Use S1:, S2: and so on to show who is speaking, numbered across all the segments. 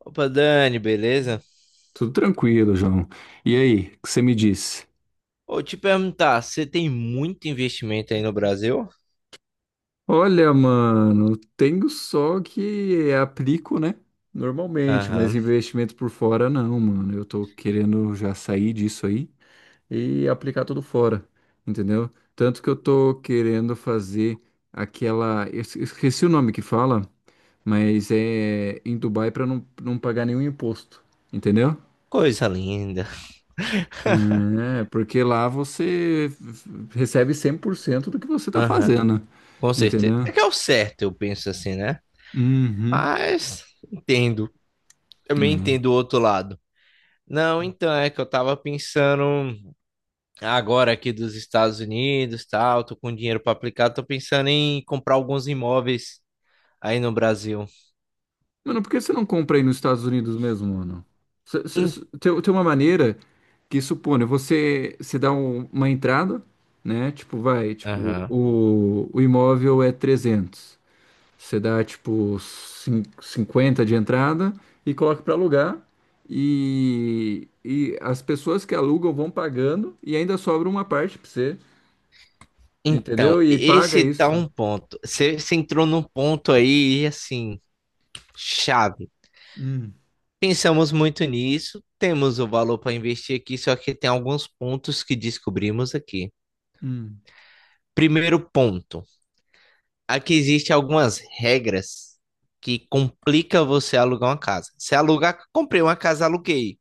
S1: Opa, Dani, beleza?
S2: Tudo tranquilo, João. E aí, o que você me disse?
S1: Vou te perguntar, você tem muito investimento aí no Brasil?
S2: Olha, mano, tenho só que aplico, né? Normalmente, mas
S1: Aham.
S2: investimento por fora não, mano. Eu tô querendo já sair disso aí e aplicar tudo fora, entendeu? Tanto que eu tô querendo fazer aquela. Esqueci o nome que fala, mas é em Dubai pra não pagar nenhum imposto, entendeu?
S1: Coisa linda.
S2: É, porque lá você recebe 100% do que você tá
S1: Aham.
S2: fazendo,
S1: Com certeza.
S2: entendeu?
S1: É que é o certo, eu penso assim, né?
S2: Uhum.
S1: Mas entendo. Também entendo o outro lado. Não, então é que eu tava pensando agora aqui dos Estados Unidos, tal, tô com dinheiro para aplicar, tô pensando em comprar alguns imóveis aí no Brasil.
S2: Mano, por que você não compra aí nos Estados Unidos mesmo, mano?
S1: Em-
S2: Tem uma maneira que supõe, você dá uma entrada, né? Tipo, vai, tipo,
S1: Aham.
S2: o imóvel é 300. Você dá tipo 50 de entrada e coloca para alugar. E as pessoas que alugam vão pagando e ainda sobra uma parte para você,
S1: Então,
S2: entendeu? E paga
S1: esse tá
S2: isso.
S1: um ponto. Você entrou num ponto aí, assim, Chave.
S2: Hum,
S1: Pensamos muito nisso, temos o valor para investir aqui, só que tem alguns pontos que descobrimos aqui.
S2: hum,
S1: Primeiro ponto, aqui existem algumas regras que complicam você alugar uma casa. Se alugar, comprei uma casa, aluguei.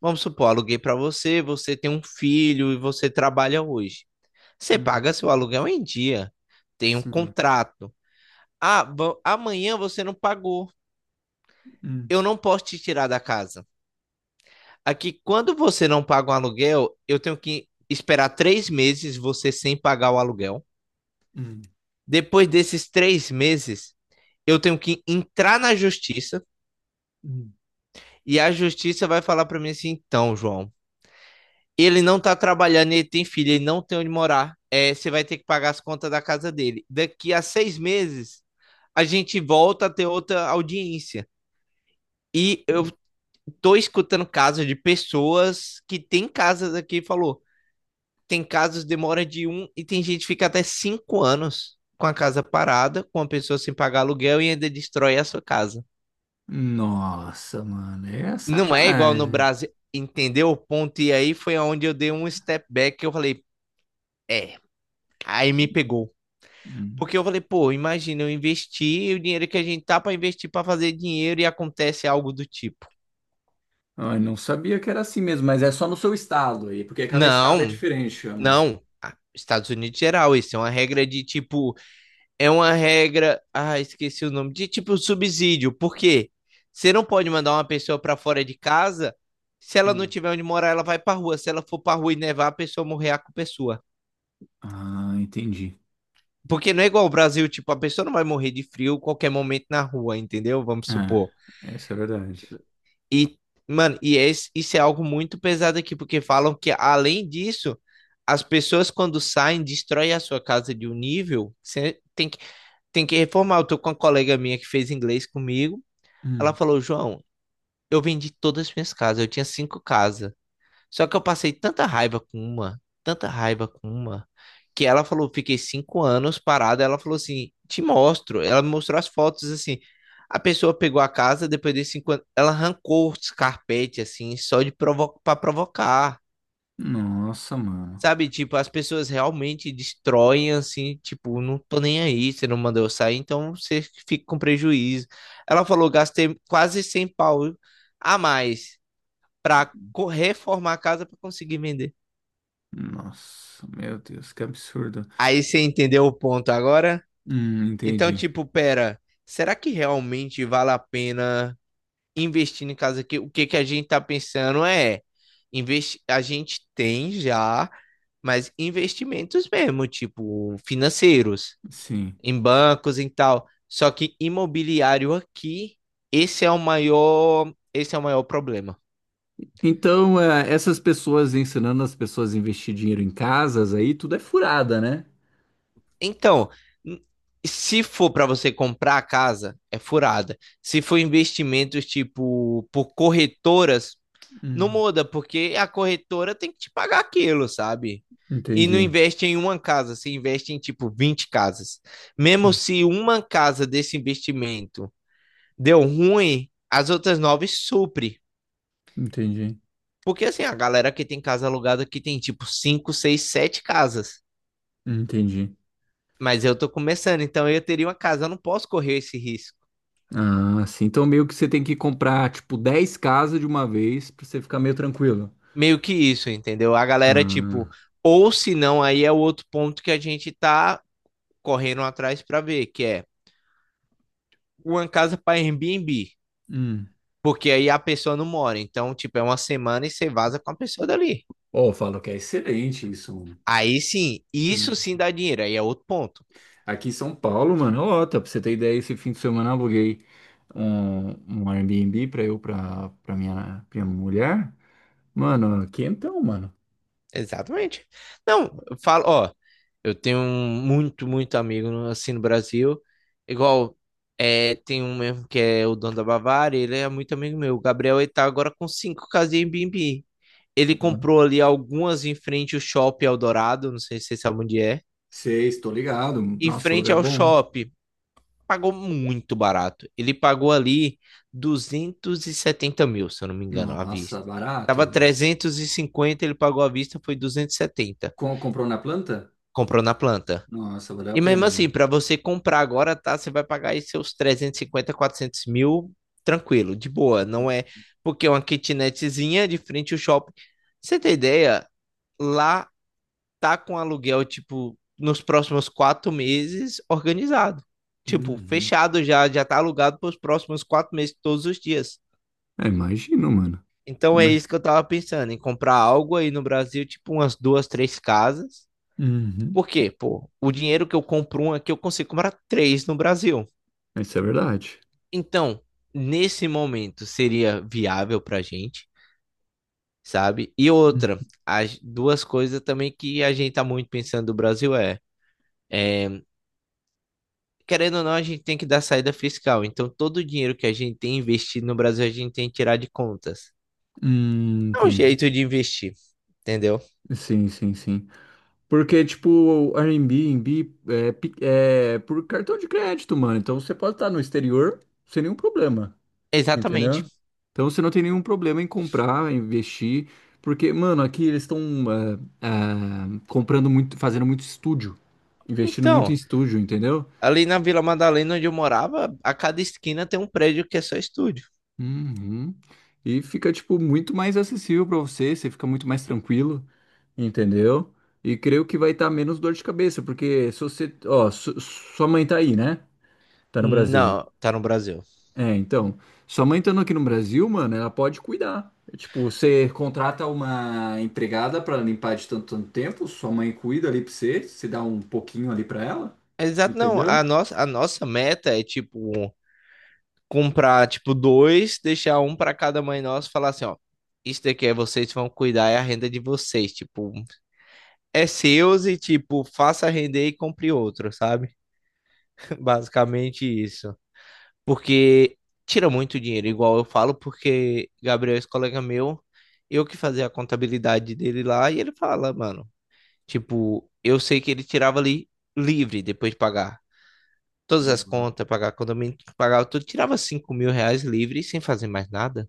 S1: Vamos supor, aluguei para você, você tem um filho e você trabalha hoje. Você
S2: hum,
S1: paga seu aluguel em dia, tem um
S2: sim.
S1: contrato. Ah, amanhã você não pagou.
S2: Hum,
S1: Eu não posso te tirar da casa. Aqui, quando você não paga um aluguel, eu tenho que esperar 3 meses você sem pagar o aluguel.
S2: hum,
S1: Depois desses 3 meses, eu tenho que entrar na justiça
S2: hum.
S1: e a justiça vai falar para mim assim: então, João, ele não tá trabalhando, ele tem filho, ele não tem onde morar, é, você vai ter que pagar as contas da casa dele. Daqui a 6 meses, a gente volta a ter outra audiência. E eu tô escutando casos de pessoas que têm casas aqui e falou: tem casos que demora de um e tem gente que fica até 5 anos com a casa parada, com a pessoa sem pagar aluguel e ainda destrói a sua casa.
S2: Nossa, mano, é
S1: Não é igual no
S2: sacanagem.
S1: Brasil, entendeu o ponto? E aí foi onde eu dei um step back que eu falei, é, aí me pegou.
S2: Hum.
S1: Porque eu falei, pô, imagina eu investir o dinheiro que a gente tá para investir para fazer dinheiro e acontece algo do tipo.
S2: Ah, eu não sabia que era assim mesmo, mas é só no seu estado aí, porque cada estado é
S1: Não,
S2: diferente, ou não?
S1: não. Ah, Estados Unidos geral, isso é uma regra de tipo é uma regra. Ah, esqueci o nome. De tipo subsídio. Por quê? Você não pode mandar uma pessoa para fora de casa. Se ela não
S2: Hum.
S1: tiver onde morar, ela vai pra rua. Se ela for pra rua e nevar, a pessoa morrer a pessoa.
S2: Ah, entendi.
S1: Porque não é igual ao Brasil, tipo, a pessoa não vai morrer de frio qualquer momento na rua, entendeu? Vamos
S2: Ah,
S1: supor.
S2: essa é a verdade.
S1: Tipo, e, mano, e isso é algo muito pesado aqui, porque falam que, além disso, as pessoas quando saem, destroem a sua casa de um nível. Você tem que reformar. Eu tô com uma colega minha que fez inglês comigo. Ela falou, João, eu vendi todas as minhas casas, eu tinha cinco casas. Só que eu passei tanta raiva com uma, tanta raiva com uma, que ela falou, fiquei 5 anos parada. Ela falou assim, te mostro. Ela me mostrou as fotos assim. A pessoa pegou a casa, depois de 5 anos, ela arrancou os carpetes assim, só de provocar.
S2: Nossa, mano.
S1: Sabe, tipo, as pessoas realmente destroem, assim, tipo, não tô nem aí, você não mandou eu sair, então você fica com prejuízo. Ela falou, gastei quase 100 pau a mais pra reformar a casa pra conseguir vender.
S2: Nossa, meu Deus, que absurdo.
S1: Aí você entendeu o ponto agora? Então,
S2: Entendi.
S1: tipo, pera, será que realmente vale a pena investir em casa aqui? O que que a gente tá pensando é, investi a gente tem já, mas investimentos mesmo, tipo, financeiros.
S2: Sim.
S1: Em bancos e tal. Só que imobiliário aqui, esse é o maior, esse é o maior problema.
S2: Então, é, essas pessoas ensinando as pessoas a investir dinheiro em casas aí, tudo é furada, né?
S1: Então, n- se for para você comprar a casa, é furada. Se for investimentos tipo por corretoras, não
S2: Hum,
S1: muda, porque a corretora tem que te pagar aquilo, sabe? E não
S2: entendi.
S1: investe em uma casa, você investe em tipo 20 casas. Mesmo
S2: Hum,
S1: se uma casa desse investimento deu ruim, as outras nove supre.
S2: Entendi.
S1: Porque assim, a galera que tem casa alugada aqui tem tipo 5 6 7 casas.
S2: Entendi.
S1: Mas eu tô começando, então eu teria uma casa, eu não posso correr esse risco.
S2: Ah, sim. Então, meio que você tem que comprar, tipo, 10 casas de uma vez pra você ficar meio tranquilo.
S1: Meio que isso, entendeu? A galera, tipo,
S2: Ah,
S1: ou se não, aí é o outro ponto que a gente tá correndo atrás pra ver, que é uma casa pra Airbnb.
S2: hum.
S1: Porque aí a pessoa não mora. Então, tipo, é uma semana e você vaza com a pessoa dali.
S2: Oh, eu falo que é excelente isso, mano.
S1: Aí sim, isso
S2: Hum.
S1: sim dá dinheiro. Aí é outro ponto.
S2: Aqui em São Paulo, mano, ó, tá, pra você ter ideia, esse fim de semana eu aluguei um, um Airbnb pra pra minha mulher. Mano, aqui então, mano.
S1: Exatamente. Não, eu falo, ó, eu tenho um muito, muito amigo assim no Brasil. Igual, é, tem um mesmo que é o dono da Bavária, ele é muito amigo meu. O Gabriel, ele tá agora com cinco casas em Airbnb. Ele
S2: Boa.
S1: comprou ali algumas em frente ao Shopping Eldorado, não sei se vocês sabem onde é.
S2: Sei, estou ligado.
S1: Em
S2: Nossa,
S1: frente
S2: lugar
S1: ao
S2: bom.
S1: shopping, pagou muito barato. Ele pagou ali 270 mil, se eu não me engano, à
S2: Nossa,
S1: vista.
S2: barato,
S1: Tava
S2: mano.
S1: 350. Ele pagou à vista, foi 270.
S2: Comprou na planta?
S1: Comprou na planta.
S2: Nossa, valeu a
S1: E mesmo
S2: pena,
S1: assim,
S2: mano.
S1: para você comprar agora, tá? Você vai pagar aí seus 350, 400 mil, tranquilo, de boa. Não é porque é uma kitnetzinha de frente ao shopping. Você tem ideia? Lá tá com aluguel, tipo, nos próximos 4 meses organizado. Tipo,
S2: Uhum.
S1: fechado já, já tá alugado para os próximos 4 meses, todos os dias.
S2: É, imagino, mano.
S1: Então é
S2: Imagino.
S1: isso que eu tava pensando, em comprar algo aí no Brasil, tipo umas duas, três casas. Por
S2: Uhum.
S1: quê? Pô, o dinheiro que eu compro uma aqui, eu consigo comprar três no Brasil.
S2: Isso é verdade.
S1: Então, nesse momento seria viável pra gente, sabe? E
S2: Hum,
S1: outra, as duas coisas também que a gente tá muito pensando do Brasil é, querendo ou não, a gente tem que dar saída fiscal. Então, todo o dinheiro que a gente tem investido no Brasil, a gente tem que tirar de contas. É um
S2: entendi.
S1: jeito de investir, entendeu?
S2: Sim, sim, sim. Porque, tipo, o Airbnb é por cartão de crédito, mano. Então você pode estar no exterior sem nenhum problema,
S1: Exatamente.
S2: entendeu? Então você não tem nenhum problema em comprar, investir. Porque, mano, aqui eles estão comprando muito, fazendo muito estúdio, investindo muito em
S1: Então,
S2: estúdio, entendeu?
S1: ali na Vila Madalena, onde eu morava, a cada esquina tem um prédio que é só estúdio.
S2: Uhum. E fica, tipo, muito mais acessível pra você, você fica muito mais tranquilo, entendeu? E creio que vai estar menos dor de cabeça, porque se você. Ó, sua mãe tá aí, né? Tá no Brasil.
S1: Não, tá no Brasil.
S2: É, então. Sua mãe estando aqui no Brasil, mano, ela pode cuidar. É, tipo, você contrata uma empregada pra limpar de tanto, tanto tempo, sua mãe cuida ali pra você, você dá um pouquinho ali pra ela,
S1: Exato, não.
S2: entendeu?
S1: A nossa meta é tipo comprar, tipo, dois, deixar um para cada mãe nossa e falar assim, ó, isso daqui é vocês vão cuidar, é a renda de vocês, tipo, é seus e, tipo, faça render e compre outro, sabe? Basicamente isso. Porque tira muito dinheiro, igual eu falo, porque Gabriel, esse colega meu, eu que fazia a contabilidade dele lá, e ele fala, mano, tipo, eu sei que ele tirava ali livre depois de pagar todas as
S2: Uhum.
S1: contas, pagar condomínio, pagar tudo, tirava 5 mil reais livre sem fazer mais nada.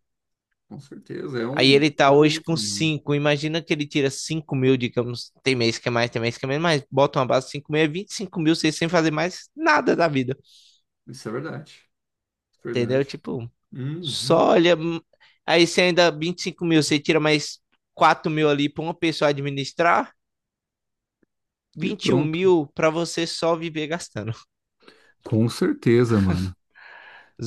S2: Com certeza, é
S1: Aí
S2: um
S1: ele tá
S2: bom
S1: hoje com
S2: lucro, mano.
S1: 5. Imagina que ele tira 5 mil, digamos. Tem mês que é mais, tem mês que é menos, mas bota uma base de 5 mil, é 25 mil, sem fazer mais nada da vida.
S2: Isso é verdade. Isso é
S1: Entendeu?
S2: verdade.
S1: Tipo,
S2: Uhum.
S1: só olha. Aí você ainda 25 mil, você tira mais 4 mil ali pra uma pessoa administrar,
S2: E
S1: vinte e um
S2: pronto.
S1: mil pra você só viver gastando.
S2: Com certeza, mano.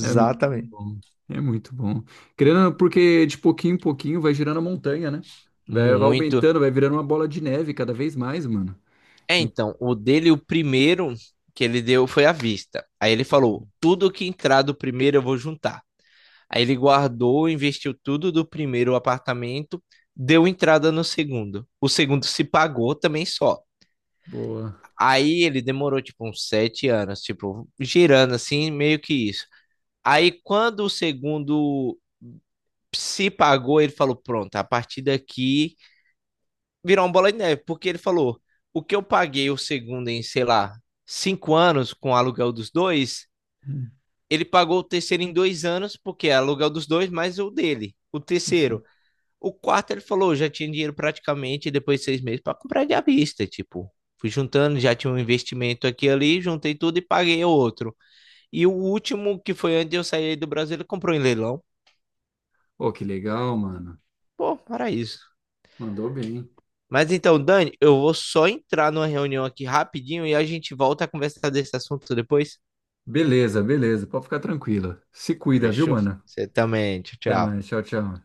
S2: É muito bom. É muito bom. Querendo, ou não, porque de pouquinho em pouquinho vai girando a montanha, né? Vai, vai
S1: Muito.
S2: aumentando, vai virando uma bola de neve cada vez mais, mano.
S1: É,
S2: E-
S1: então, o dele, o primeiro que ele deu foi à vista. Aí ele falou: tudo que entrar do primeiro eu vou juntar. Aí ele guardou, investiu tudo do primeiro apartamento, deu entrada no segundo. O segundo se pagou também só.
S2: Boa.
S1: Aí ele demorou tipo uns 7 anos, tipo, girando assim, meio que isso. Aí quando o segundo se pagou, ele falou: pronto, a partir daqui virou uma bola de neve, porque ele falou: o que eu paguei o segundo em, sei lá, 5 anos com o aluguel dos dois,
S2: Hum,
S1: ele pagou o terceiro em 2 anos, porque é aluguel dos dois mais o dele, o
S2: Isso.
S1: terceiro. O quarto ele falou, já tinha dinheiro praticamente depois de 6 meses para comprar de à vista, tipo. Fui juntando, já tinha um investimento aqui e ali, juntei tudo e paguei o outro. E o último, que foi antes de eu sair do Brasil, ele comprou em leilão.
S2: Oh, que legal, mano.
S1: Pô, paraíso.
S2: Mandou bem.
S1: Mas então, Dani, eu vou só entrar numa reunião aqui rapidinho e a gente volta a conversar desse assunto depois.
S2: Beleza, beleza. Pode ficar tranquila. Se cuida, viu,
S1: Fechou?
S2: mano?
S1: Você também. Tchau,
S2: Até
S1: tchau.
S2: mais. Tchau, tchau.